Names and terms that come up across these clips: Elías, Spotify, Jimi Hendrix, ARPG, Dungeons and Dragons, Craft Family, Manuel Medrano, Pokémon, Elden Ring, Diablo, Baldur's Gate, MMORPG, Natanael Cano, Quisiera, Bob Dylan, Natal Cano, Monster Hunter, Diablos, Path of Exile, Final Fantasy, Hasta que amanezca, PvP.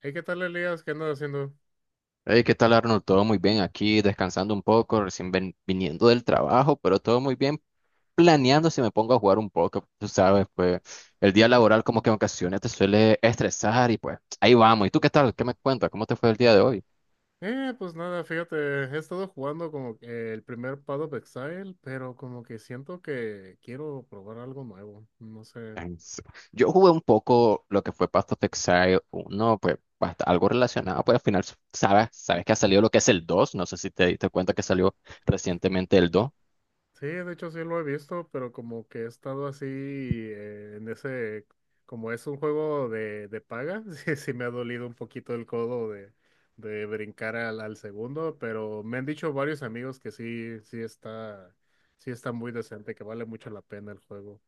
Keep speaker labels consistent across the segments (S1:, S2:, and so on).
S1: Hey, ¿qué tal, Elías? ¿Qué andas haciendo?
S2: Hey, ¿qué tal, Arnold? Todo muy bien aquí, descansando un poco, recién viniendo del trabajo, pero todo muy bien, planeando si me pongo a jugar un poco, tú sabes, pues el día
S1: Ujú.
S2: laboral como que en ocasiones te suele estresar y pues ahí vamos. ¿Y tú qué tal? ¿Qué me cuentas? ¿Cómo te fue el día de hoy?
S1: Pues nada, fíjate, he estado jugando como que el primer Path of Exile, pero como que siento que quiero probar algo nuevo, no sé.
S2: En s- Yo jugué un poco lo que fue Path of Exile 1, pues algo relacionado, pues al final sabes que ha salido lo que es el 2, no sé si te diste cuenta que salió recientemente el 2.
S1: Sí, de hecho sí lo he visto, pero como que he estado así en ese, como es un juego de paga, sí, sí me ha dolido un poquito el codo de brincar al segundo, pero me han dicho varios amigos que sí, sí está muy decente, que vale mucho la pena el juego.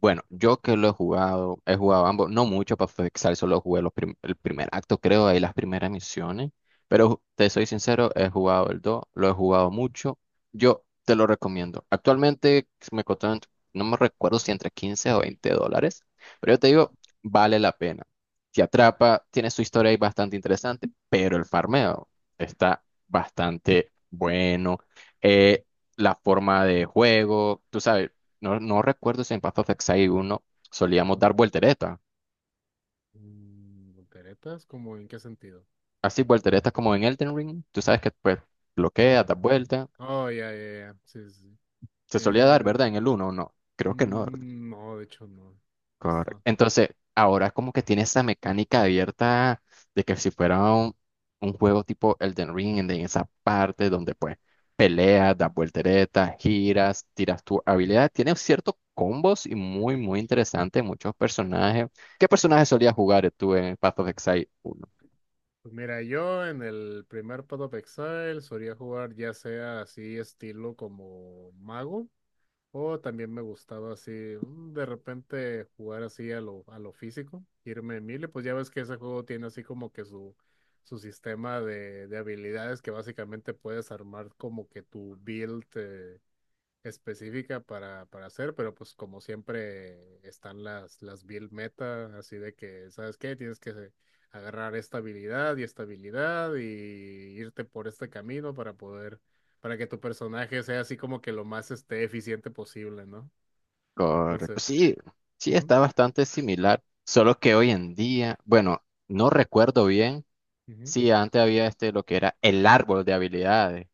S2: Bueno, yo que lo he jugado ambos, no mucho para fixar, solo jugué los el primer acto, creo, ahí las primeras misiones. Pero te soy sincero, he jugado el 2, lo he jugado mucho. Yo te lo recomiendo. Actualmente si me costó, no me recuerdo si entre 15 o $20, pero yo te digo, vale la pena. Te atrapa, tiene su historia ahí bastante interesante, pero el farmeo está bastante bueno. Eh, la forma de juego, tú sabes. No, no recuerdo si en Path of Exile uno solíamos dar volteretas.
S1: Mm, ¿volteretas? ¿Cómo en qué sentido?
S2: Así, volteretas como en Elden Ring. Tú sabes que pues
S1: Oh,
S2: bloqueas, das vuelta.
S1: oh, ya, ya, ya. Sí, sí, sí.
S2: Se solía dar,
S1: Eh,
S2: ¿verdad? En el uno o no. Creo que no.
S1: no, de hecho no. No
S2: Correcto.
S1: está.
S2: Entonces, ahora como que tiene esa mecánica abierta de que si fuera un juego tipo Elden Ring, en esa parte donde pues peleas, das volteretas, giras, tiras tu habilidad. Tiene ciertos combos y muy, muy interesante. Muchos personajes. ¿Qué personajes solías jugar tú en Path of Exile uno?
S1: Pues mira, yo en el primer Path of Exile solía jugar ya sea así estilo como mago o también me gustaba así de repente jugar así a lo físico, irme en melee, pues ya ves que ese juego tiene así como que su sistema de habilidades que básicamente puedes armar como que tu build. Específica para hacer, pero pues como siempre están las build meta, así de que, ¿sabes qué? Tienes que agarrar esta habilidad y irte por este camino para poder, para que tu personaje sea así como que lo más eficiente posible, ¿no?
S2: Correcto.
S1: Entonces,
S2: Sí, sí,
S1: ujú,
S2: está bastante similar, solo que hoy en día, bueno, no recuerdo bien
S1: ujú.
S2: si antes había este lo que era el árbol de habilidades,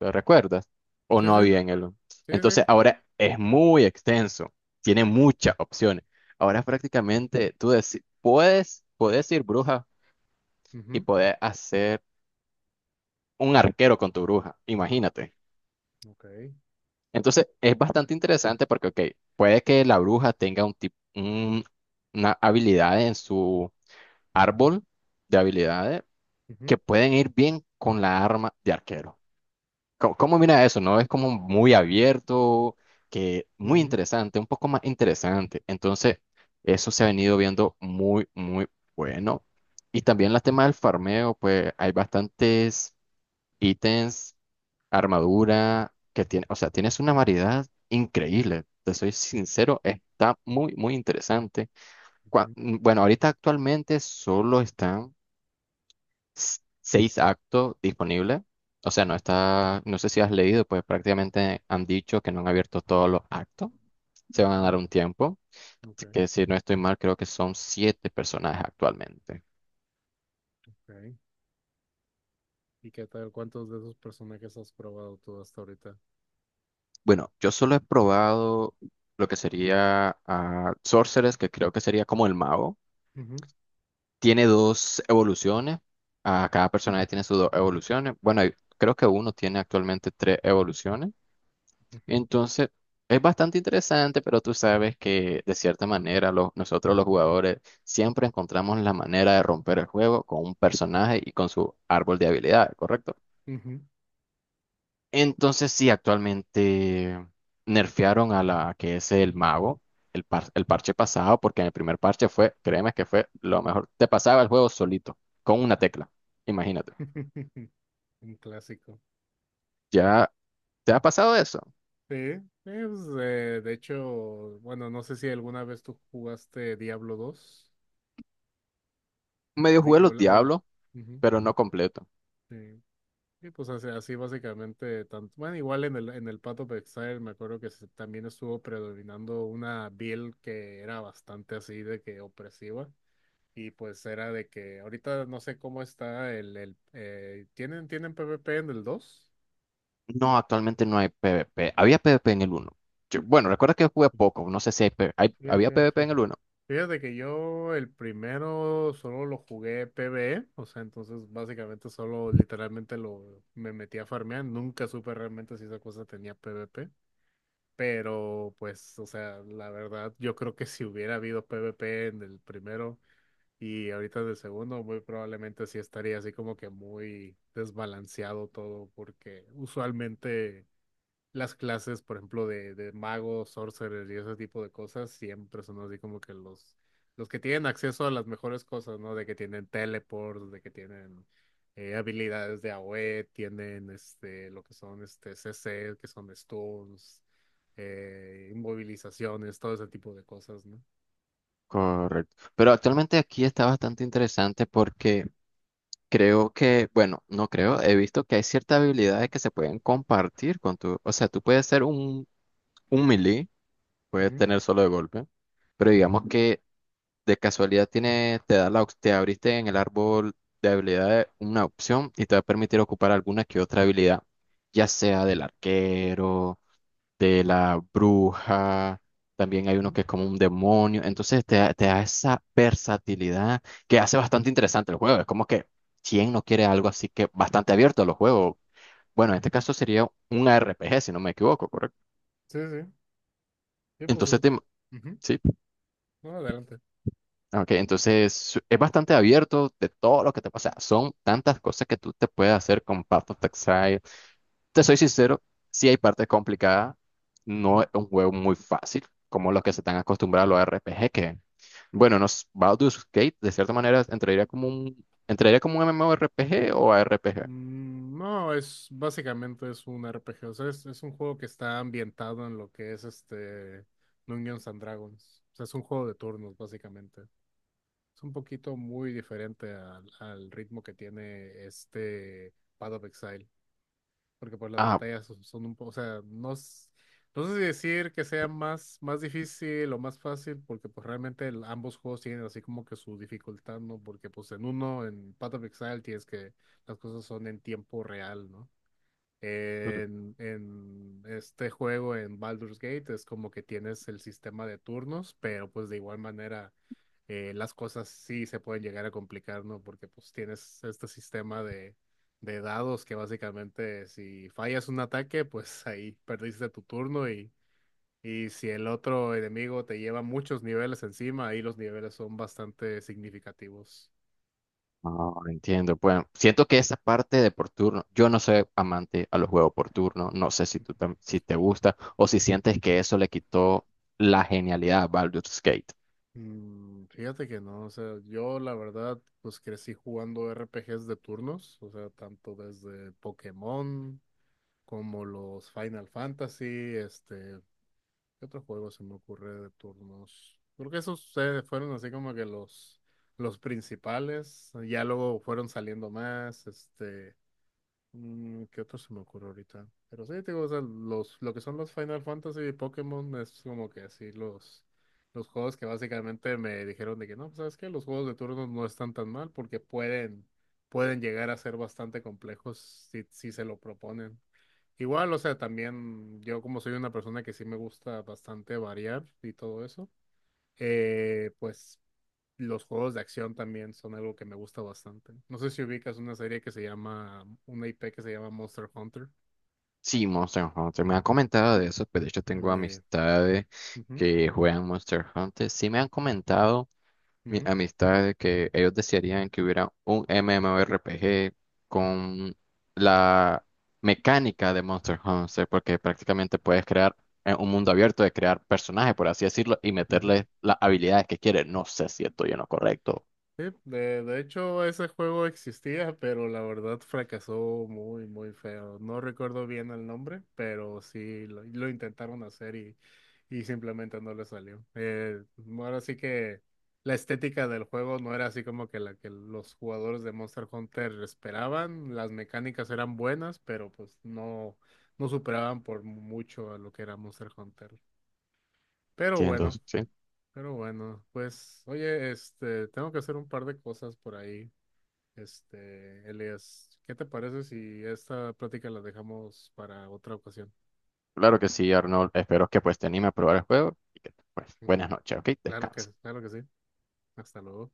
S2: ¿lo recuerdas? O
S1: Sí,
S2: no
S1: sí,
S2: había en el.
S1: sí, sí.
S2: Entonces ahora es muy extenso, tiene muchas opciones. Ahora prácticamente tú puedes ir bruja y
S1: Ujú,
S2: poder hacer un arquero con tu bruja, imagínate.
S1: ok.
S2: Entonces, es bastante interesante porque, ok, puede que la bruja tenga un tipo, una habilidad en su árbol de habilidades
S1: Ujú,
S2: que pueden ir bien con la arma de arquero. ¿Cómo, cómo mira eso? ¿No? Es como muy abierto, que muy
S1: ujú,
S2: interesante, un poco más interesante. Entonces, eso se ha venido viendo muy, muy bueno. Y también la tema del farmeo, pues hay bastantes ítems armadura que tiene, o sea, tienes una variedad increíble. Te soy sincero, está muy, muy interesante.
S1: ujú,
S2: Bueno, ahorita actualmente solo están seis actos disponibles. O sea, no está, no sé si has leído, pues prácticamente han dicho que no han abierto todos los actos. Se van a
S1: ujú,
S2: dar un tiempo.
S1: ok,
S2: Así que si no estoy mal, creo que son siete personajes actualmente.
S1: ok. ¿Y qué tal? ¿Cuántos de esos personajes has probado tú hasta ahorita?
S2: Bueno, yo solo he probado lo que sería a Sorceress, que creo que sería como el mago.
S1: Ujú,
S2: Tiene dos evoluciones. A cada personaje tiene sus dos evoluciones. Bueno, creo que uno tiene actualmente tres evoluciones.
S1: ujú,
S2: Entonces, es bastante interesante, pero tú sabes que de cierta manera nosotros los jugadores siempre encontramos la manera de romper el juego con un personaje y con su árbol de habilidades, ¿correcto?
S1: ujú.
S2: Entonces sí, actualmente nerfearon a la que es el mago, el parche pasado, porque en el primer parche fue, créeme que fue lo mejor. Te pasaba el juego solito, con una tecla, imagínate.
S1: Un clásico.
S2: ¿Ya te ha pasado eso?
S1: Sí, pues, de hecho, bueno, no sé si alguna vez tú jugaste Diablo 2 o
S2: Medio jugué los
S1: hola, hola.
S2: Diablos,
S1: Ujú,
S2: pero no completo.
S1: sí. Sí, pues así, así básicamente, tanto, bueno, igual en el Path of Exile me acuerdo que también estuvo predominando una build que era bastante así de que opresiva. Y pues era de que ahorita no sé cómo está el, ¿tienen PvP en el 2?
S2: No, actualmente no hay PvP. Había PvP en el uno. Bueno, recuerda que jugué poco, no sé si había
S1: Fíjate,
S2: PvP en el uno.
S1: Fíjate que yo el primero solo lo jugué PvE, o sea, entonces básicamente solo literalmente lo me metí a farmear, nunca supe realmente si esa cosa tenía PvP, pero pues, o sea, la verdad, yo creo que si hubiera habido PvP en el primero y ahorita en el segundo, muy probablemente sí estaría así como que muy desbalanceado todo, porque usualmente las clases, por ejemplo, de magos, sorcerers y ese tipo de cosas, siempre son así como que los que tienen acceso a las mejores cosas, ¿no? De que tienen teleports, de que tienen habilidades de AoE, tienen lo que son este CC, que son stuns, inmovilizaciones, todo ese tipo de cosas, ¿no?
S2: Correcto. Pero actualmente aquí está bastante interesante porque creo que, bueno, no creo, he visto que hay ciertas habilidades que se pueden compartir con tu, o sea, tú puedes ser un, melee, puedes
S1: Ujú,
S2: tener solo de golpe, pero digamos que de casualidad tiene, te da te abriste en el árbol de habilidades una opción y te va a permitir ocupar alguna que otra habilidad, ya sea del arquero de la bruja, también hay uno
S1: ujú.
S2: que es como un demonio, entonces te da esa versatilidad que hace bastante interesante el juego, es como que quién no quiere algo así que bastante abierto a los juegos, bueno, en este caso sería un RPG si no me equivoco, ¿correcto?
S1: Sí, sí, sí, pues
S2: Entonces,
S1: eso. Ujú.
S2: sí,
S1: No, adelante.
S2: ok, entonces es bastante abierto de todo lo que te pasa, son tantas cosas que tú te puedes hacer con Path of Exile. Te soy sincero, sí hay partes complicadas, no es un juego muy fácil, como los que se están acostumbrados a los RPG, que, bueno, nos, Baldur's Gate, de cierta manera, entraría como un MMORPG o ARPG.
S1: Mm, no, es básicamente es un RPG, o sea, es un juego que está ambientado en lo que es este Dungeons and Dragons. O sea, es un juego de turnos, básicamente. Es un poquito muy diferente al ritmo que tiene este Path of Exile porque pues las
S2: Ah,
S1: batallas son un poco, o sea, no, no sé si decir que sea más, más difícil o más fácil, porque pues realmente ambos juegos tienen así como que su dificultad, ¿no? Porque pues en uno, en Path of Exile, tienes que las cosas son en tiempo real, ¿no?
S2: Pero-
S1: En este juego, en Baldur's Gate, es como que tienes el sistema de turnos, pero pues de igual manera las cosas sí se pueden llegar a complicar, ¿no? Porque pues tienes este sistema de dados que básicamente si fallas un ataque, pues ahí perdiste tu turno y si el otro enemigo te lleva muchos niveles encima, ahí los niveles son bastante significativos.
S2: no, entiendo. Bueno, siento que esa parte de por turno, yo no soy amante a los juegos por turno, no sé si tú si te gusta o si sientes que eso le quitó la genialidad a Baldur's Gate.
S1: Fíjate que no, o sea, yo la verdad, pues crecí jugando RPGs de turnos, o sea, tanto desde Pokémon como los Final Fantasy, este, ¿qué otro juego se me ocurre de turnos? Creo que esos fueron así como que los principales, ya luego fueron saliendo más. ¿Qué otro se me ocurre ahorita? Pero sí, te digo, o sea, los, lo que son los Final Fantasy y Pokémon es como que así los juegos que básicamente me dijeron de que no, pues, ¿sabes qué? Los juegos de turnos no están tan mal porque pueden llegar a ser bastante complejos si, si se lo proponen. Igual, o sea, también yo como soy una persona que sí me gusta bastante variar y todo eso, pues los juegos de acción también son algo que me gusta bastante. No sé si ubicas una serie que se llama, una IP que se llama Monster Hunter.
S2: Sí, Monster Hunter. Me han comentado de eso, pero de hecho tengo
S1: Eh,
S2: amistades
S1: Ujú,
S2: que juegan Monster Hunter. Sí me han comentado mi
S1: ujú,
S2: amistades que ellos desearían que hubiera un MMORPG con la mecánica de Monster Hunter, porque prácticamente puedes crear un mundo abierto de crear personajes, por así decirlo, y
S1: ujú.
S2: meterles las habilidades que quieres. No sé si estoy en lo correcto.
S1: Sí, de hecho ese juego existía, pero la verdad fracasó muy, muy feo. No recuerdo bien el nombre, pero sí lo intentaron hacer y simplemente no le salió. Ahora sí que la estética del juego no era así como que la que los jugadores de Monster Hunter esperaban. Las mecánicas eran buenas, pero pues no, no superaban por mucho a lo que era Monster Hunter. Pero
S2: Entiendo,
S1: bueno.
S2: sí.
S1: Pero bueno, pues, oye, tengo que hacer un par de cosas por ahí. Elias, ¿qué te parece si esta plática la dejamos para otra ocasión?
S2: Claro que sí, Arnold. Espero que pues te anime a probar el juego y que pues buenas noches, ¿ok? Descansa.
S1: Claro que sí. Hasta luego.